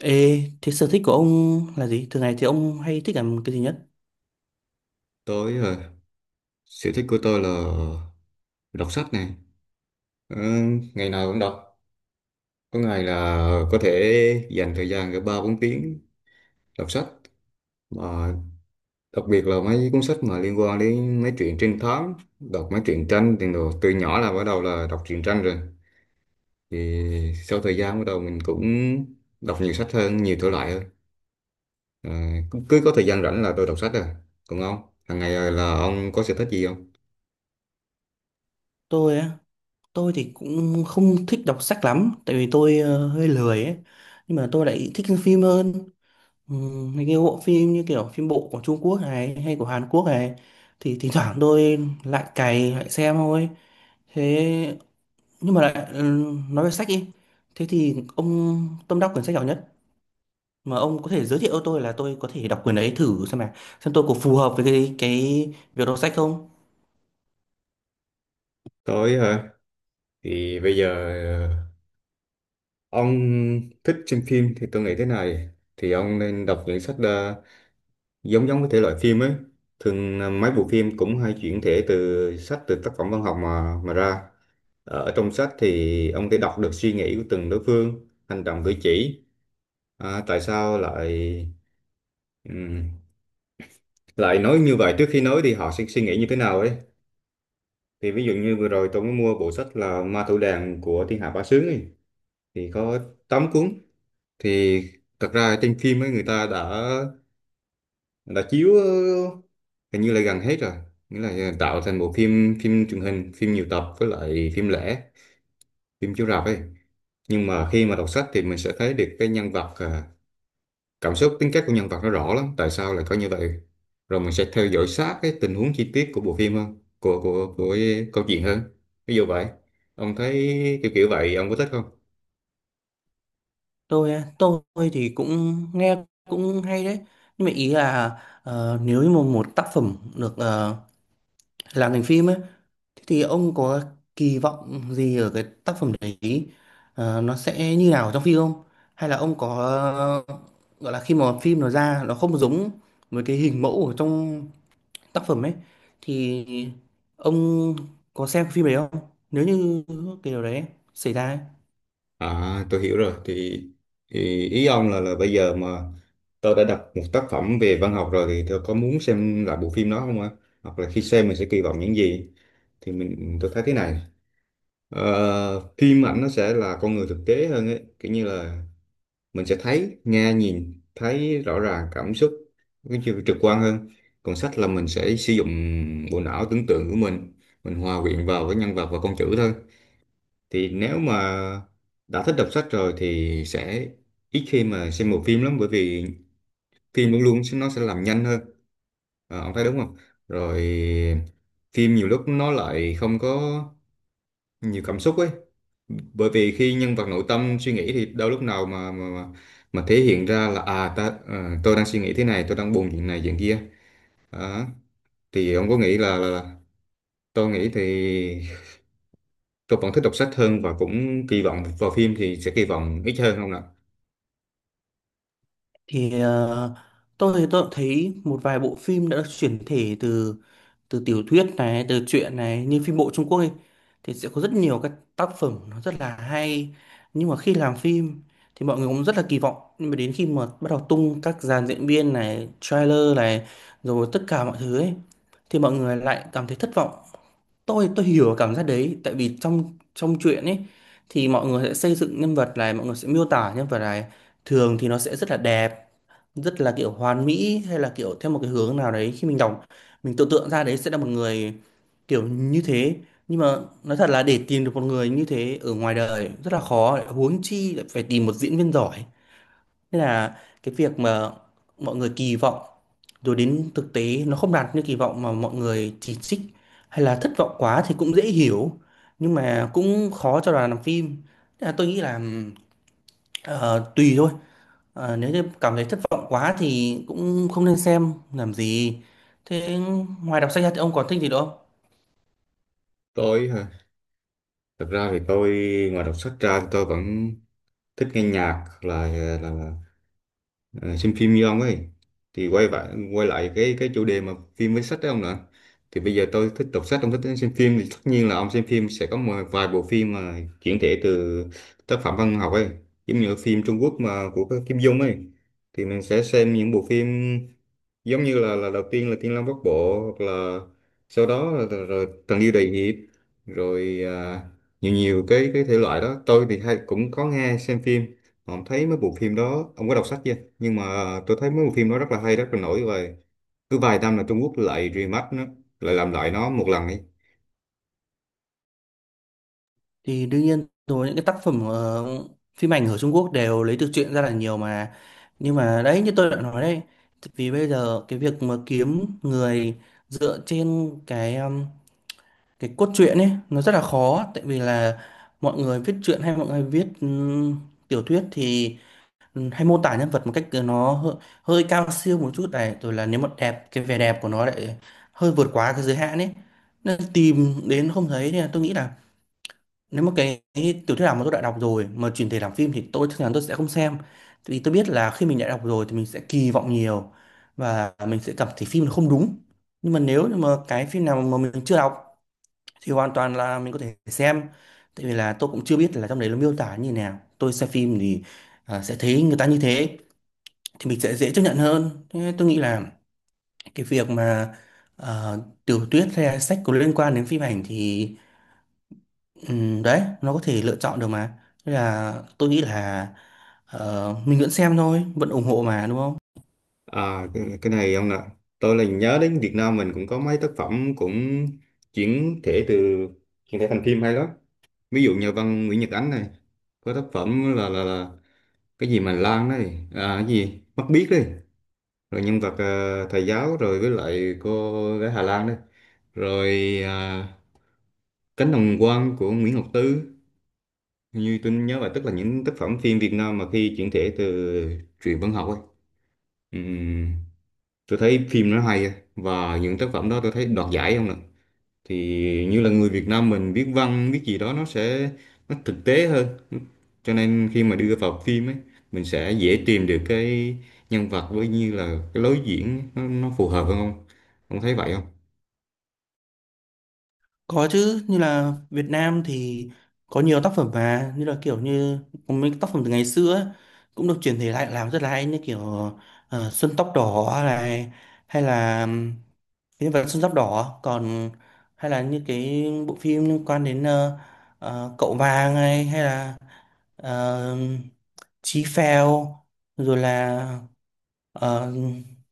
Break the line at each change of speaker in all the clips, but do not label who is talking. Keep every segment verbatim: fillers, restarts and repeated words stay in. Ê, thế sở thích của ông là gì? Thường ngày thì ông hay thích làm cái gì nhất?
tối ờ, Sở thích của tôi là đọc sách này. Ờ, Ngày nào cũng đọc. Có ngày là có thể dành thời gian cả ba bốn tiếng đọc sách. Mà đặc biệt là mấy cuốn sách mà liên quan đến mấy truyện trinh thám, đọc mấy truyện tranh thì đồ. Từ nhỏ là bắt đầu là đọc truyện tranh rồi. Thì sau thời gian bắt đầu mình cũng đọc nhiều sách hơn, nhiều thể loại hơn. Ờ, cứ, cứ có thời gian rảnh là tôi đọc sách à. Còn ông, hàng ngày là ông có sở thích gì không?
Tôi á, tôi thì cũng không thích đọc sách lắm, tại vì tôi ờ, hơi lười ấy. Nhưng mà tôi lại thích xem phim hơn. Ừ, mấy cái bộ phim như kiểu phim bộ của Trung Quốc này hay của Hàn Quốc này thì thỉnh thoảng tôi lại cày lại xem thôi. Thế nhưng mà lại ừ, nói về sách đi. Thế thì ông tâm đắc quyển sách nào nhất? Mà ông có thể giới thiệu cho tôi là tôi có thể đọc quyển ấy thử xem mà xem tôi có phù hợp với cái cái việc đọc sách không?
Tối hả? Thì bây giờ ông thích xem phim thì tôi nghĩ thế này, thì ông nên đọc những sách ờ, giống giống với thể loại phim ấy. Thường ờ, mấy bộ phim cũng hay chuyển thể từ sách, từ tác phẩm văn học mà mà ra. Ờ, ở trong sách thì ông có thể đọc được suy nghĩ của từng đối phương, hành động cử chỉ, à, tại sao lại ừm, lại nói như vậy, trước khi nói thì họ sẽ suy nghĩ như thế nào ấy. Thì ví dụ như vừa rồi tôi mới mua bộ sách là Ma Thủ Đàn của Thiên Hạ Bá Sướng ấy. Thì có tám cuốn. Thì thật ra trên phim ấy người ta đã đã chiếu ờ, hình như là gần hết rồi, nghĩa là ờ, tạo thành bộ phim, phim truyền hình, phim nhiều tập với lại phim lẻ, phim chiếu rạp ấy. Nhưng mà khi mà đọc sách thì mình sẽ thấy được cái nhân vật, à, cảm xúc tính cách của nhân vật nó rõ lắm, tại sao lại có như vậy. Rồi mình sẽ theo dõi sát cái tình huống chi tiết của bộ phim hơn, của của của cái câu chuyện hơn, ví dụ vậy. Ông thấy kiểu kiểu vậy ông có thích không?
Tôi á, tôi thì cũng nghe cũng hay đấy, nhưng mà ý là ờ, nếu như mà một tác phẩm được ờ, làm thành phim ấy, thế thì ông có kỳ vọng gì ở cái tác phẩm đấy? Ờ, nó sẽ như nào trong phim không, hay là ông có ờ, gọi là khi mà phim nó ra nó không giống với cái hình mẫu ở trong tác phẩm ấy, thì ông có xem phim đấy không nếu như cái điều đấy xảy ra ấy?
À, tôi hiểu rồi. Thì, thì ý ông là là bây giờ mà tôi đã đọc một tác phẩm về văn học rồi thì tôi có muốn xem lại bộ phim đó không ạ? Hoặc là khi xem mình sẽ kỳ vọng những gì? Thì mình tôi thấy thế này. Ờ, phim ảnh nó sẽ là con người thực tế hơn ấy. Kiểu như là mình sẽ thấy, nghe, nhìn, thấy rõ ràng cảm xúc, cái chiều trực quan hơn. Còn sách là mình sẽ sử dụng bộ não tưởng tượng của mình, mình hòa quyện vào với nhân vật và con chữ thôi. Thì nếu mà đã thích đọc sách rồi thì sẽ ít khi mà xem bộ phim lắm, bởi vì phim luôn luôn nó sẽ làm nhanh hơn. Ờ, ông thấy đúng không? Rồi phim nhiều lúc nó lại không có nhiều cảm xúc ấy, bởi vì khi nhân vật nội tâm suy nghĩ thì đâu lúc nào mà mà mà, mà thể hiện ra là à ta, ờ, tôi đang suy nghĩ thế này, tôi đang buồn chuyện này chuyện kia. Đó. Thì ông có nghĩ là, là, là tôi nghĩ thì tôi vẫn thích đọc sách hơn, và cũng kỳ vọng vào phim thì sẽ kỳ vọng ít hơn không ạ?
thì ờ, tôi thì tôi cũng thấy một vài bộ phim đã được chuyển thể từ từ tiểu thuyết này, từ truyện này, như phim bộ Trung Quốc ấy, thì sẽ có rất nhiều các tác phẩm nó rất là hay. Nhưng mà khi làm phim thì mọi người cũng rất là kỳ vọng, nhưng mà đến khi mà bắt đầu tung các dàn diễn viên này, trailer này, rồi tất cả mọi thứ ấy, thì mọi người lại cảm thấy thất vọng. Tôi tôi hiểu cảm giác đấy, tại vì trong trong truyện ấy thì mọi người sẽ xây dựng nhân vật này, mọi người sẽ miêu tả nhân vật này, thường thì nó sẽ rất là đẹp, rất là kiểu hoàn mỹ, hay là kiểu theo một cái hướng nào đấy. Khi mình đọc, mình tưởng tượng ra đấy sẽ là một người kiểu như thế, nhưng mà nói thật là để tìm được một người như thế ở ngoài đời rất là khó, lại huống chi lại phải tìm một diễn viên giỏi. Nên là cái việc mà mọi người kỳ vọng rồi đến thực tế nó không đạt như kỳ vọng mà mọi người chỉ trích hay là thất vọng quá thì cũng dễ hiểu, nhưng mà cũng khó cho đoàn làm phim. Thế là tôi nghĩ là ờ, tùy thôi. Ờ, nếu như cảm thấy thất vọng quá thì cũng không nên xem làm gì. Thế ngoài đọc sách ra thì ông còn thích gì nữa không?
Tôi hả? Thật ra thì tôi, ngoài đọc sách ra thì tôi vẫn thích nghe nhạc là là, là Ờ, xem phim như ông ấy. Thì quay lại quay lại cái cái chủ đề mà phim với sách đấy ông nè. Thì bây giờ tôi thích đọc sách, ông thích xem phim thì tất nhiên là ông xem phim sẽ có một vài bộ phim mà chuyển thể từ tác phẩm văn học ấy, giống như phim Trung Quốc mà của cái Kim Dung ấy. Thì mình sẽ xem những bộ phim giống như là là đầu tiên là Thiên Long Bát Bộ, hoặc là sau đó là, là, rồi Tần Liêu Đại Hiệp, rồi à, nhiều nhiều cái cái thể loại đó tôi thì hay cũng có nghe xem phim. Mà ông thấy mấy bộ phim đó ông có đọc sách chưa? Nhưng mà tôi thấy mấy bộ phim đó rất là hay, rất là nổi, và cứ vài năm là Trung Quốc lại remake nó, lại làm lại nó một lần ấy.
Thì đương nhiên rồi, những cái tác phẩm ờ, phim ảnh ở Trung Quốc đều lấy từ truyện ra là nhiều mà. Nhưng mà đấy như tôi đã nói đấy, vì bây giờ cái việc mà kiếm người dựa trên cái um, cái cốt truyện ấy nó rất là khó, tại vì là mọi người viết truyện hay mọi người viết ừm, tiểu thuyết thì ừ, hay mô tả nhân vật một cách ờ, nó hơi, hơi cao siêu một chút này, rồi là nếu mà đẹp cái vẻ đẹp của nó lại hơi vượt quá cái giới hạn ấy, nên tìm đến không thấy. Nên là tôi nghĩ là nếu mà cái, cái tiểu thuyết nào mà tôi đã đọc rồi mà chuyển thể làm phim thì tôi chắc chắn tôi sẽ không xem, vì tôi biết là khi mình đã đọc rồi thì mình sẽ kỳ vọng nhiều và mình sẽ cảm thấy phim nó không đúng. Nhưng mà nếu như mà cái phim nào mà mình chưa đọc thì hoàn toàn là mình có thể xem, tại vì là tôi cũng chưa biết là trong đấy nó miêu tả như nào, tôi xem phim thì à, sẽ thấy người ta như thế thì mình sẽ dễ chấp nhận hơn. Thế tôi nghĩ là cái việc mà ờ, tiểu thuyết hay là sách có liên quan đến phim ảnh thì ừm, đấy nó có thể lựa chọn được mà. Thế là tôi nghĩ là ờ, mình vẫn xem thôi, vẫn ủng hộ mà đúng không?
À cái, cái này ông nè, tôi là nhớ đến Việt Nam mình cũng có mấy tác phẩm cũng chuyển thể từ chuyển thể thành phim hay lắm. Ví dụ nhà văn Nguyễn Nhật Ánh này có tác phẩm là là, là cái gì mà Lan này, à cái gì Mắt Biếc đấy, rồi nhân vật ờ, thầy giáo rồi với lại cô gái Hà Lan đây, rồi à, Cánh đồng quan của Nguyễn Ngọc Tư. Hình như tôi nhớ là, tức là những tác phẩm phim Việt Nam mà khi chuyển thể từ truyện văn học ấy, ừm, tôi thấy phim nó hay á. Và những tác phẩm đó tôi thấy đoạt giải không nè. Thì như là người Việt Nam mình viết văn viết gì đó nó sẽ nó thực tế hơn, cho nên khi mà đưa vào phim ấy mình sẽ dễ tìm được cái nhân vật với như là cái lối diễn ấy, nó, nó phù hợp hơn không, ông thấy vậy không?
Có chứ, như là Việt Nam thì có nhiều tác phẩm mà như là kiểu như có mấy tác phẩm từ ngày xưa ấy, cũng được chuyển thể lại làm rất là hay, như kiểu ờ, Xuân tóc đỏ này, hay là Nhân vật Sơn Giáp Đỏ còn, hay là những cái bộ phim liên quan đến ờ, ờ, Cậu Vàng này, hay là ờ, Chí Phèo, rồi là ờ,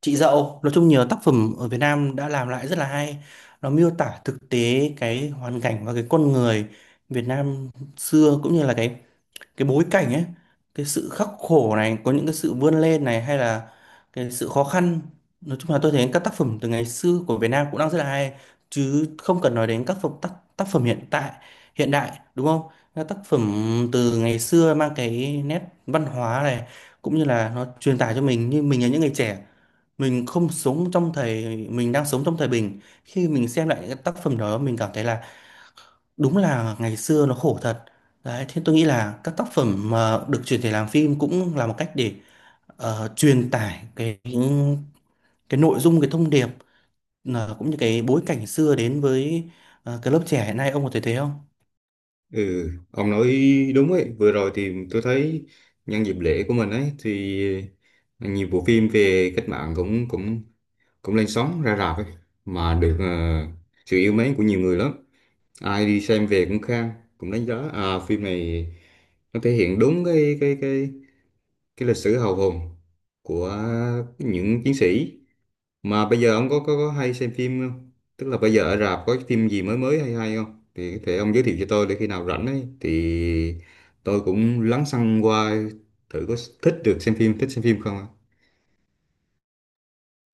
Chị Dậu. Nói chung nhiều tác phẩm ở Việt Nam đã làm lại rất là hay, nó miêu tả thực tế cái hoàn cảnh và cái con người Việt Nam xưa, cũng như là cái cái bối cảnh ấy, cái sự khắc khổ này, có những cái sự vươn lên này, hay là cái sự khó khăn. Nói chung là tôi thấy các tác phẩm từ ngày xưa của Việt Nam cũng đang rất là hay, chứ không cần nói đến các phẩm tác, tác phẩm hiện tại, hiện đại, đúng không? Các tác phẩm từ ngày xưa mang cái nét văn hóa này, cũng như là nó truyền tải cho mình, như mình là những người trẻ, mình không sống trong thời, mình đang sống trong thời bình, khi mình xem lại những cái tác phẩm đó mình cảm thấy là đúng là ngày xưa nó khổ thật đấy. Thế tôi nghĩ là các tác phẩm mà được chuyển thể làm phim cũng là một cách để ờ, truyền tải cái cái nội dung, cái thông điệp, ờ, cũng như cái bối cảnh xưa đến với ờ, cái lớp trẻ hiện nay, ông có thể thấy không?
Ừ, ông nói đúng ấy. Vừa rồi thì tôi thấy nhân dịp lễ của mình ấy thì nhiều bộ phim về cách mạng cũng cũng cũng lên sóng ra rạp ấy, mà được ờ, sự yêu mến của nhiều người lắm. Ai đi xem về cũng khen, cũng đánh giá à phim này nó thể hiện đúng cái cái cái cái lịch sử hào hùng của những chiến sĩ. Mà bây giờ ông có, có có hay xem phim không? Tức là bây giờ ở rạp có cái phim gì mới mới hay hay không? Thì có thể ông giới thiệu cho tôi để khi nào rảnh ấy thì tôi cũng lắng xăng qua thử, có thích được xem phim, thích xem phim không ạ?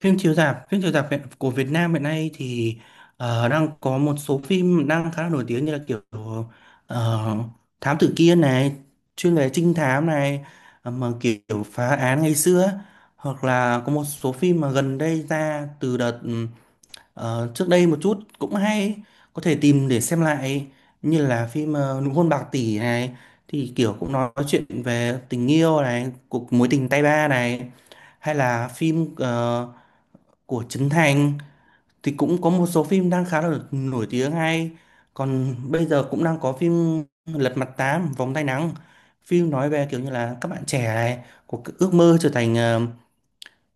Phim chiếu rạp, phim chiếu rạp hiện- của Việt Nam hiện nay thì ờ, đang có một số phim đang khá là nổi tiếng, như là kiểu ờ, Thám Tử Kiên này, chuyên về trinh thám này, ờ, mà kiểu phá án ngày xưa. Hoặc là có một số phim mà gần đây ra từ đợt ừ, ờ, trước đây một chút cũng hay, có thể tìm để xem lại, như là phim ờ, Nụ hôn bạc tỷ này, thì kiểu cũng nói chuyện về tình yêu này, cuộc mối tình tay ba này, hay là phim ờ, của Trấn Thành thì cũng có một số phim đang khá là nổi tiếng hay. Còn bây giờ cũng đang có phim Lật Mặt Tám Vòng Tay Nắng, phim nói về kiểu như là các bạn trẻ này có cái ước mơ trở thành ờ,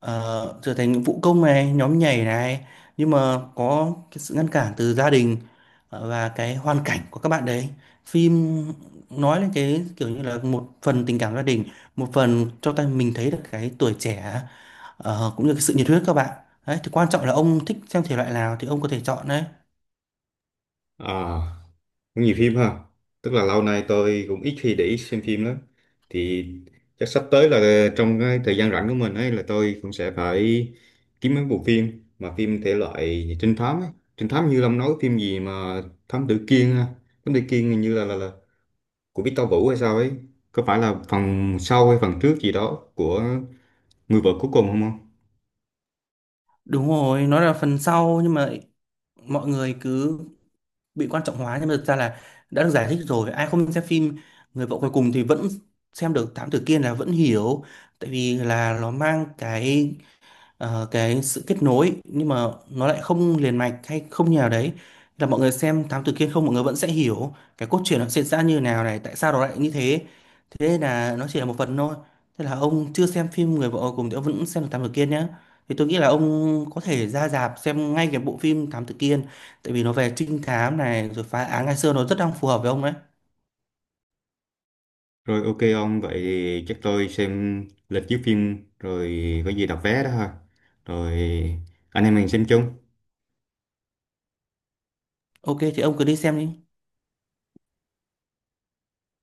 ờ, trở thành vũ công này, nhóm nhảy này, nhưng mà có cái sự ngăn cản từ gia đình ờ, và cái hoàn cảnh của các bạn đấy. Phim nói lên cái kiểu như là một phần tình cảm gia đình, một phần cho ta mình thấy được cái tuổi trẻ ờ, cũng như cái sự nhiệt huyết các bạn đấy. Thì quan trọng là ông thích xem thể loại nào thì ông có thể chọn đấy.
À, cũng nhiều phim ha. Tức là lâu nay tôi cũng ít khi để ý xem phim lắm. Thì chắc sắp tới là trong cái thời gian rảnh của mình ấy, là tôi cũng sẽ phải kiếm mấy bộ phim mà phim thể loại trinh thám ấy. Trinh thám như Long nói phím gì mà thám tử Kiên ha. Thám tử Kiên hình như là là, là của Victor Vũ hay sao ấy, có phải là phần sau hay phần trước gì đó của Người vợ cuối cùng không ông?
Đúng rồi, nó là phần sau, nhưng mà mọi người cứ bị quan trọng hóa, nhưng mà thực ra là đã được giải thích rồi, ai không xem phim Người vợ cuối cùng thì vẫn xem được Thám Tử Kiên, là vẫn hiểu, tại vì là nó mang cái ờ, cái sự kết nối, nhưng mà nó lại không liền mạch hay không như nào đấy, là mọi người xem Thám Tử Kiên không mọi người vẫn sẽ hiểu cái cốt truyện nó diễn ra như nào này, tại sao nó lại như thế. Thế nên là nó chỉ là một phần thôi. Thế là ông chưa xem phim Người vợ Ở cùng thì ông vẫn xem được Thám Tử Kiên nhé. Thì tôi nghĩ là ông có thể ra rạp xem ngay cái bộ phim Thám Tử Kiên, tại vì nó về trinh thám này rồi phá án ngày xưa, nó rất đang phù hợp với ông đấy.
Rồi, ok ông, vậy thì chắc tôi xem lịch chiếu phim rồi, có gì đặt vé đó ha. Rồi anh em mình xem chung.
Ok thì ông cứ đi xem đi.